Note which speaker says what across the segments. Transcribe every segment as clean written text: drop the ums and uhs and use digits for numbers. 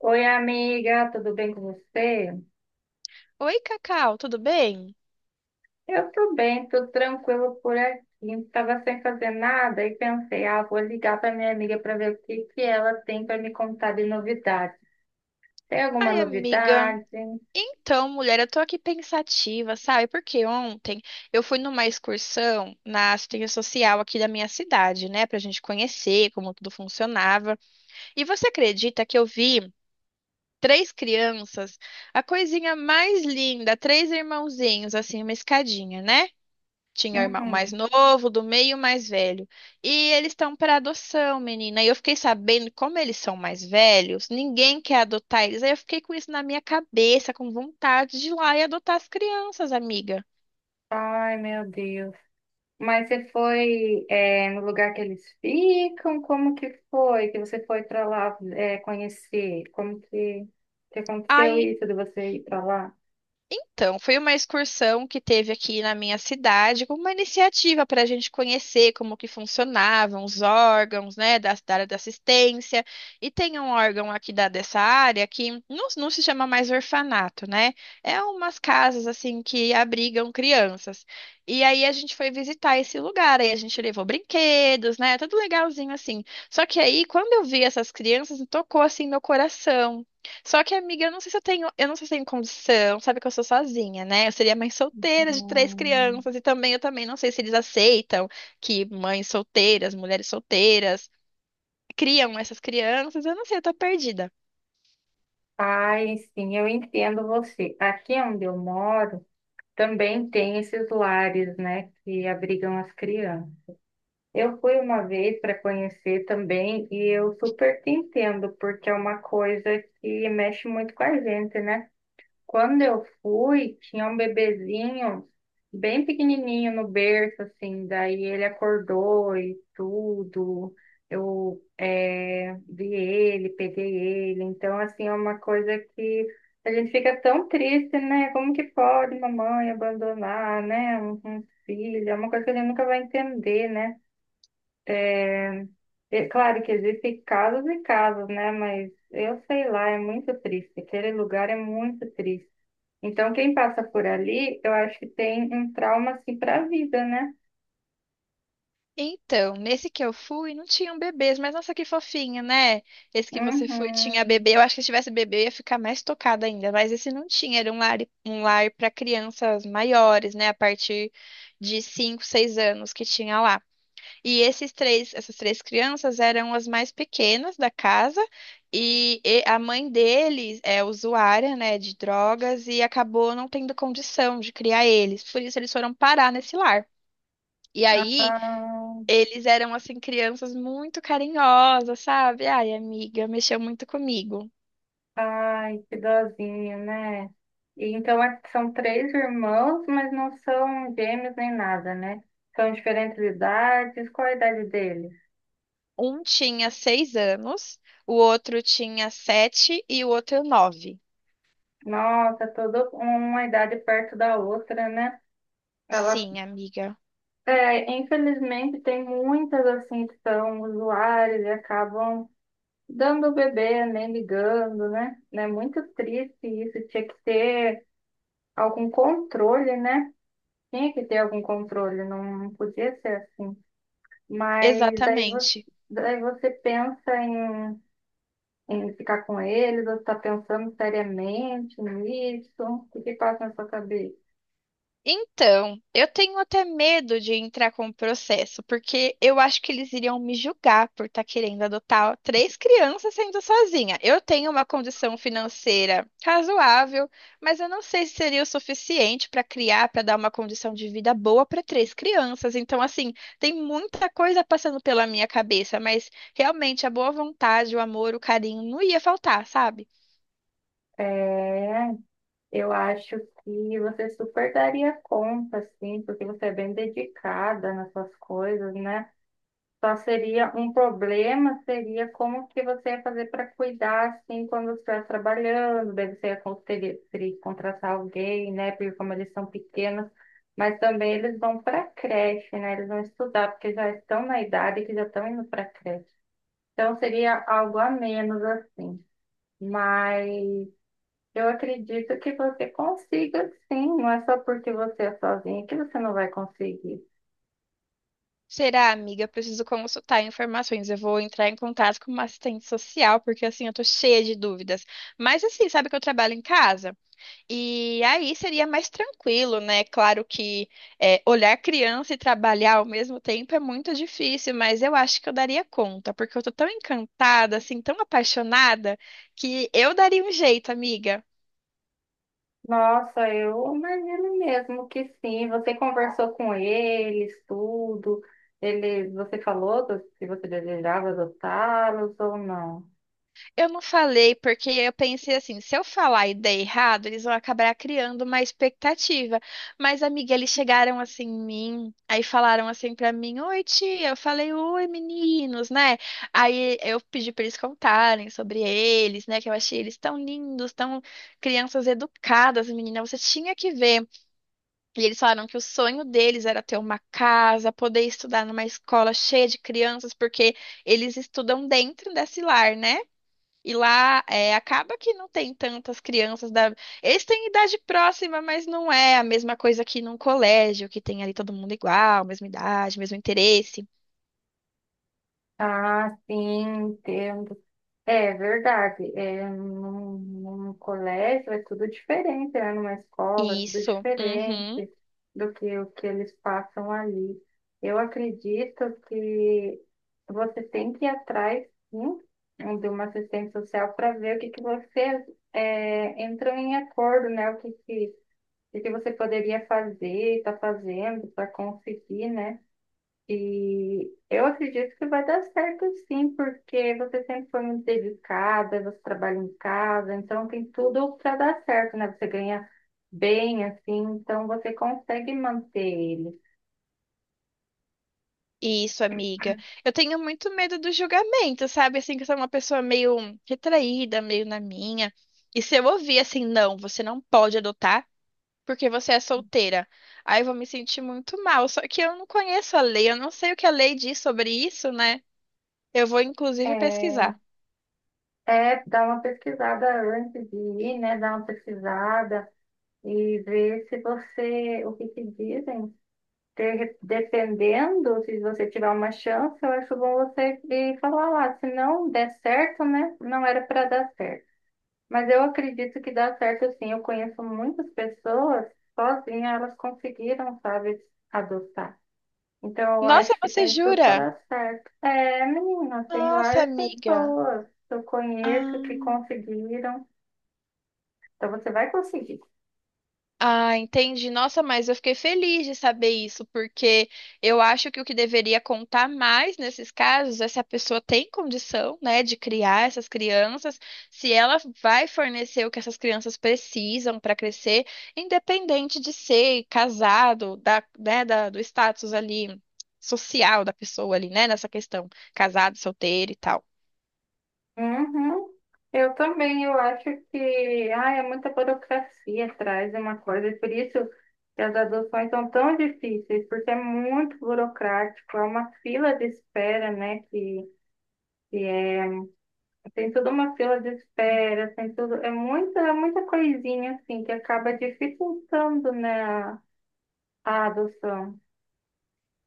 Speaker 1: Oi, amiga, tudo bem com você?
Speaker 2: Oi, Cacau, tudo bem?
Speaker 1: Eu tô bem, tô tranquilo por aqui. Tava sem fazer nada e pensei, ah, vou ligar para minha amiga para ver o que ela tem para me contar de novidade. Tem alguma
Speaker 2: Ai, amiga.
Speaker 1: novidade?
Speaker 2: Então, mulher, eu tô aqui pensativa, sabe? Porque ontem eu fui numa excursão na assistência social aqui da minha cidade, né? Pra gente conhecer como tudo funcionava. E você acredita que eu vi três crianças, a coisinha mais linda, três irmãozinhos, assim, uma escadinha, né? Tinha o irmão mais
Speaker 1: Uhum.
Speaker 2: novo, do meio, o mais velho. E eles estão para adoção, menina. E eu fiquei sabendo como eles são mais velhos, ninguém quer adotar eles. Aí eu fiquei com isso na minha cabeça, com vontade de ir lá e adotar as crianças, amiga.
Speaker 1: Ai, meu Deus. Mas você foi, é, no lugar que eles ficam? Como que foi que você foi para lá, é, conhecer? Como que aconteceu
Speaker 2: Aí
Speaker 1: isso de você ir para lá?
Speaker 2: Então, foi uma excursão que teve aqui na minha cidade, como uma iniciativa para a gente conhecer como que funcionavam os órgãos, né, da área da assistência. E tem um órgão aqui da, dessa área que não se chama mais orfanato, né? É umas casas, assim, que abrigam crianças. E aí a gente foi visitar esse lugar, aí a gente levou brinquedos, né? Tudo legalzinho, assim. Só que aí, quando eu vi essas crianças, tocou, assim, meu coração. Só que, amiga, eu não sei se eu tenho, eu não sei se eu tenho condição, sabe que eu sou sozinha, né? Eu seria mãe solteira de três
Speaker 1: Hum.
Speaker 2: crianças e também eu também não sei se eles aceitam que mães solteiras, mulheres solteiras criam essas crianças. Eu não sei, eu tô perdida.
Speaker 1: Ai, sim, eu entendo você. Aqui onde eu moro, também tem esses lares, né, que abrigam as crianças. Eu fui uma vez para conhecer também e eu super te entendo, porque é uma coisa que mexe muito com a gente, né? Quando eu fui, tinha um bebezinho bem pequenininho no berço, assim. Daí ele acordou e tudo. Eu vi ele, peguei ele. Então, assim, é uma coisa que a gente fica tão triste, né? Como que pode mamãe abandonar, né? Um filho? É uma coisa que a gente nunca vai entender, né? É claro que existem casos e casos, né? Mas eu sei lá, é muito triste. Aquele lugar é muito triste. Então, quem passa por ali, eu acho que tem um trauma assim para a vida, né?
Speaker 2: Então, nesse que eu fui, não tinham bebês, mas nossa, que fofinho, né? Esse que você foi tinha
Speaker 1: Uhum.
Speaker 2: bebê. Eu acho que se tivesse bebê eu ia ficar mais tocada ainda, mas esse não tinha, era um lar para crianças maiores, né? A partir de 5, 6 anos que tinha lá. E esses três, essas três crianças eram as mais pequenas da casa, e a mãe deles é usuária, né, de drogas e acabou não tendo condição de criar eles. Por isso eles foram parar nesse lar. E aí
Speaker 1: Ah,
Speaker 2: eles eram assim crianças muito carinhosas, sabe? Ai, amiga, mexeu muito comigo.
Speaker 1: ai, que dozinho, né? E então são três irmãos, mas não são gêmeos nem nada, né? São diferentes idades. Qual a idade deles?
Speaker 2: Um tinha 6 anos, o outro tinha 7 e o outro 9.
Speaker 1: Nossa, toda uma idade perto da outra, né? Ela
Speaker 2: Sim, amiga,
Speaker 1: é, infelizmente tem muitas assim que são usuárias e acabam dando o bebê, nem ligando, né? É muito triste isso, tinha que ter algum controle, né? Tinha que ter algum controle, não podia ser assim. Mas daí você,
Speaker 2: exatamente.
Speaker 1: daí você pensa em, em ficar com eles, você está pensando seriamente nisso, o que passa na sua cabeça?
Speaker 2: Então, eu tenho até medo de entrar com o processo, porque eu acho que eles iriam me julgar por estar querendo adotar três crianças sendo sozinha. Eu tenho uma condição financeira razoável, mas eu não sei se seria o suficiente para criar, para dar uma condição de vida boa para três crianças. Então, assim, tem muita coisa passando pela minha cabeça, mas realmente a boa vontade, o amor, o carinho não ia faltar, sabe?
Speaker 1: É, eu acho que você super daria conta, assim, porque você é bem dedicada nas suas coisas, né? Só seria um problema, seria como que você ia fazer para cuidar, assim, quando você estiver trabalhando, daí você ia teria que contratar alguém, né? Porque como eles são pequenos, mas também eles vão para creche, né? Eles vão estudar, porque já estão na idade que já estão indo para creche. Então seria algo a menos, assim. Mas eu acredito que você consiga, sim. Não é só porque você é sozinha que você não vai conseguir.
Speaker 2: Será, amiga? Preciso consultar informações. Eu vou entrar em contato com uma assistente social, porque assim eu tô cheia de dúvidas. Mas assim, sabe que eu trabalho em casa? E aí seria mais tranquilo, né? Claro que é, olhar criança e trabalhar ao mesmo tempo é muito difícil, mas eu acho que eu daria conta, porque eu tô tão encantada, assim, tão apaixonada, que eu daria um jeito, amiga.
Speaker 1: Nossa, eu imagino mesmo que sim. Você conversou com eles, tudo. Eles, você falou se você desejava adotá-los ou não.
Speaker 2: Eu não falei porque eu pensei assim, se eu falar e der errado, eles vão acabar criando uma expectativa. Mas, amiga, eles chegaram assim em mim, aí falaram assim pra mim, oi tia, eu falei, oi meninos, né? Aí eu pedi pra eles contarem sobre eles, né? Que eu achei eles tão lindos, tão crianças educadas, menina, você tinha que ver. E eles falaram que o sonho deles era ter uma casa, poder estudar numa escola cheia de crianças, porque eles estudam dentro desse lar, né? E lá é, acaba que não tem tantas crianças da. Eles têm idade próxima, mas não é a mesma coisa que num colégio, que tem ali todo mundo igual, mesma idade, mesmo interesse.
Speaker 1: Ah, sim, é verdade. É, num colégio é tudo diferente, né? Numa escola é tudo
Speaker 2: Isso.
Speaker 1: diferente
Speaker 2: Uhum.
Speaker 1: do que o que eles passam ali. Eu acredito que você tem que ir atrás, sim, de uma assistente social para ver o que você é, entrou em acordo, né? O que que você poderia fazer, está fazendo para conseguir, né? E eu acredito que vai dar certo sim, porque você sempre foi muito dedicada, você trabalha em casa, então tem tudo para dar certo, né? Você ganha bem, assim, então você consegue manter ele.
Speaker 2: Isso, amiga. Eu tenho muito medo do julgamento, sabe? Assim, que eu sou uma pessoa meio retraída, meio na minha. E se eu ouvir assim, não, você não pode adotar porque você é solteira, aí eu vou me sentir muito mal. Só que eu não conheço a lei, eu não sei o que a lei diz sobre isso, né? Eu vou inclusive
Speaker 1: É,
Speaker 2: pesquisar.
Speaker 1: é dar uma pesquisada antes de ir, né? Dar uma pesquisada e ver se você, o que te dizem. Dependendo, se você tiver uma chance, eu acho bom você ir falar lá. Se não der certo, né? Não era para dar certo. Mas eu acredito que dá certo sim. Eu conheço muitas pessoas, sozinha elas conseguiram, sabe, adotar. Então eu
Speaker 2: Nossa,
Speaker 1: acho que
Speaker 2: você
Speaker 1: tem tudo
Speaker 2: jura?
Speaker 1: para dar certo. É, menina, tem
Speaker 2: Nossa,
Speaker 1: várias
Speaker 2: amiga.
Speaker 1: pessoas que eu conheço
Speaker 2: Ah,
Speaker 1: que conseguiram. Então você vai conseguir.
Speaker 2: ah, entendi. Nossa, mas eu fiquei feliz de saber isso, porque eu acho que o que deveria contar mais nesses casos é se a pessoa tem condição, né, de criar essas crianças, se ela vai fornecer o que essas crianças precisam para crescer, independente de ser casado, da, né, da- do status ali social da pessoa ali, né, nessa questão, casado, solteiro e tal.
Speaker 1: Uhum. Eu também, eu acho que, ah é muita burocracia atrás de uma coisa, e por isso que as adoções são tão difíceis, porque é muito burocrático, é uma fila de espera, né, que é tem toda uma fila de espera, tem tudo, é muita, muita coisinha assim que acaba dificultando, né, a adoção.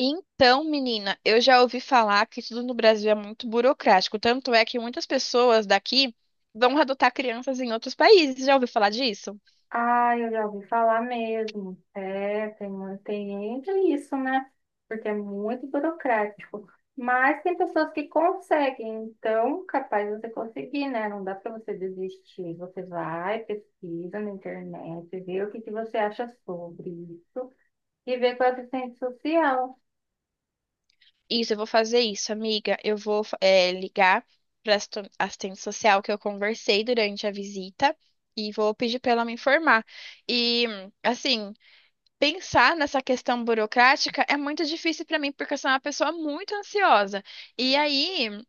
Speaker 2: Então, menina, eu já ouvi falar que tudo no Brasil é muito burocrático. Tanto é que muitas pessoas daqui vão adotar crianças em outros países. Já ouviu falar disso?
Speaker 1: Ah, eu já ouvi falar mesmo. É, tem, tem ainda isso, né? Porque é muito burocrático. Mas tem pessoas que conseguem, então capaz de você conseguir, né? Não dá para você desistir. Você vai, pesquisa na internet, vê o que você acha sobre isso e vê com a assistência social.
Speaker 2: Isso, eu vou fazer isso, amiga. Eu vou, ligar para a assistente social que eu conversei durante a visita e vou pedir para ela me informar. E, assim, pensar nessa questão burocrática é muito difícil para mim, porque eu sou uma pessoa muito ansiosa. E aí.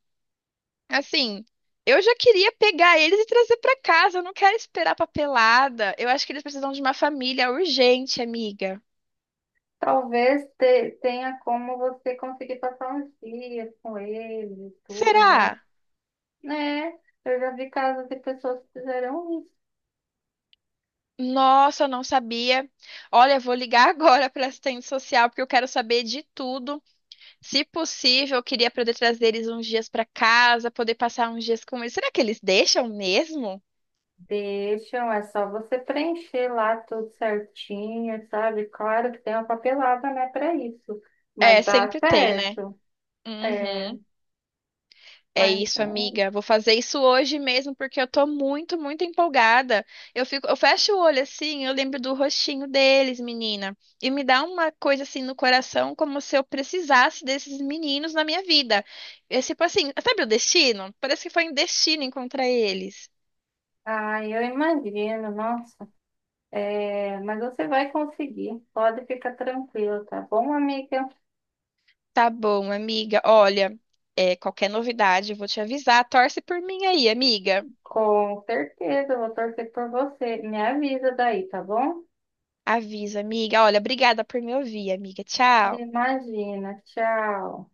Speaker 2: Assim, eu já queria pegar eles e trazer pra casa. Eu não quero esperar papelada. Eu acho que eles precisam de uma família urgente, amiga.
Speaker 1: Tenha como você conseguir passar uns dias com ele, e tudo, né?
Speaker 2: Será?
Speaker 1: É, eu já vi casos de pessoas que fizeram isso.
Speaker 2: Nossa, eu não sabia. Olha, eu vou ligar agora para assistente social porque eu quero saber de tudo. Se possível, eu queria poder trazer eles uns dias para casa, poder passar uns dias com eles. Será que eles deixam mesmo?
Speaker 1: Deixam, é só você preencher lá tudo certinho, sabe? Claro que tem uma papelada, né, para isso,
Speaker 2: É,
Speaker 1: mas dá
Speaker 2: sempre tem, né?
Speaker 1: certo. É,
Speaker 2: Uhum. É
Speaker 1: mas,
Speaker 2: isso,
Speaker 1: é.
Speaker 2: amiga. Vou fazer isso hoje mesmo porque eu tô muito empolgada. Eu fico, eu fecho o olho assim, eu lembro do rostinho deles, menina, e me dá uma coisa assim no coração, como se eu precisasse desses meninos na minha vida. É tipo assim, sabe o destino? Parece que foi um destino encontrar eles.
Speaker 1: Ah, eu imagino, nossa. É, mas você vai conseguir, pode ficar tranquilo, tá bom, amiga?
Speaker 2: Tá bom, amiga. Olha, é, qualquer novidade eu vou te avisar. Torce por mim aí, amiga.
Speaker 1: Com certeza, eu vou torcer por você. Me avisa daí, tá bom?
Speaker 2: Avisa, amiga. Olha, obrigada por me ouvir, amiga. Tchau.
Speaker 1: Imagina. Tchau.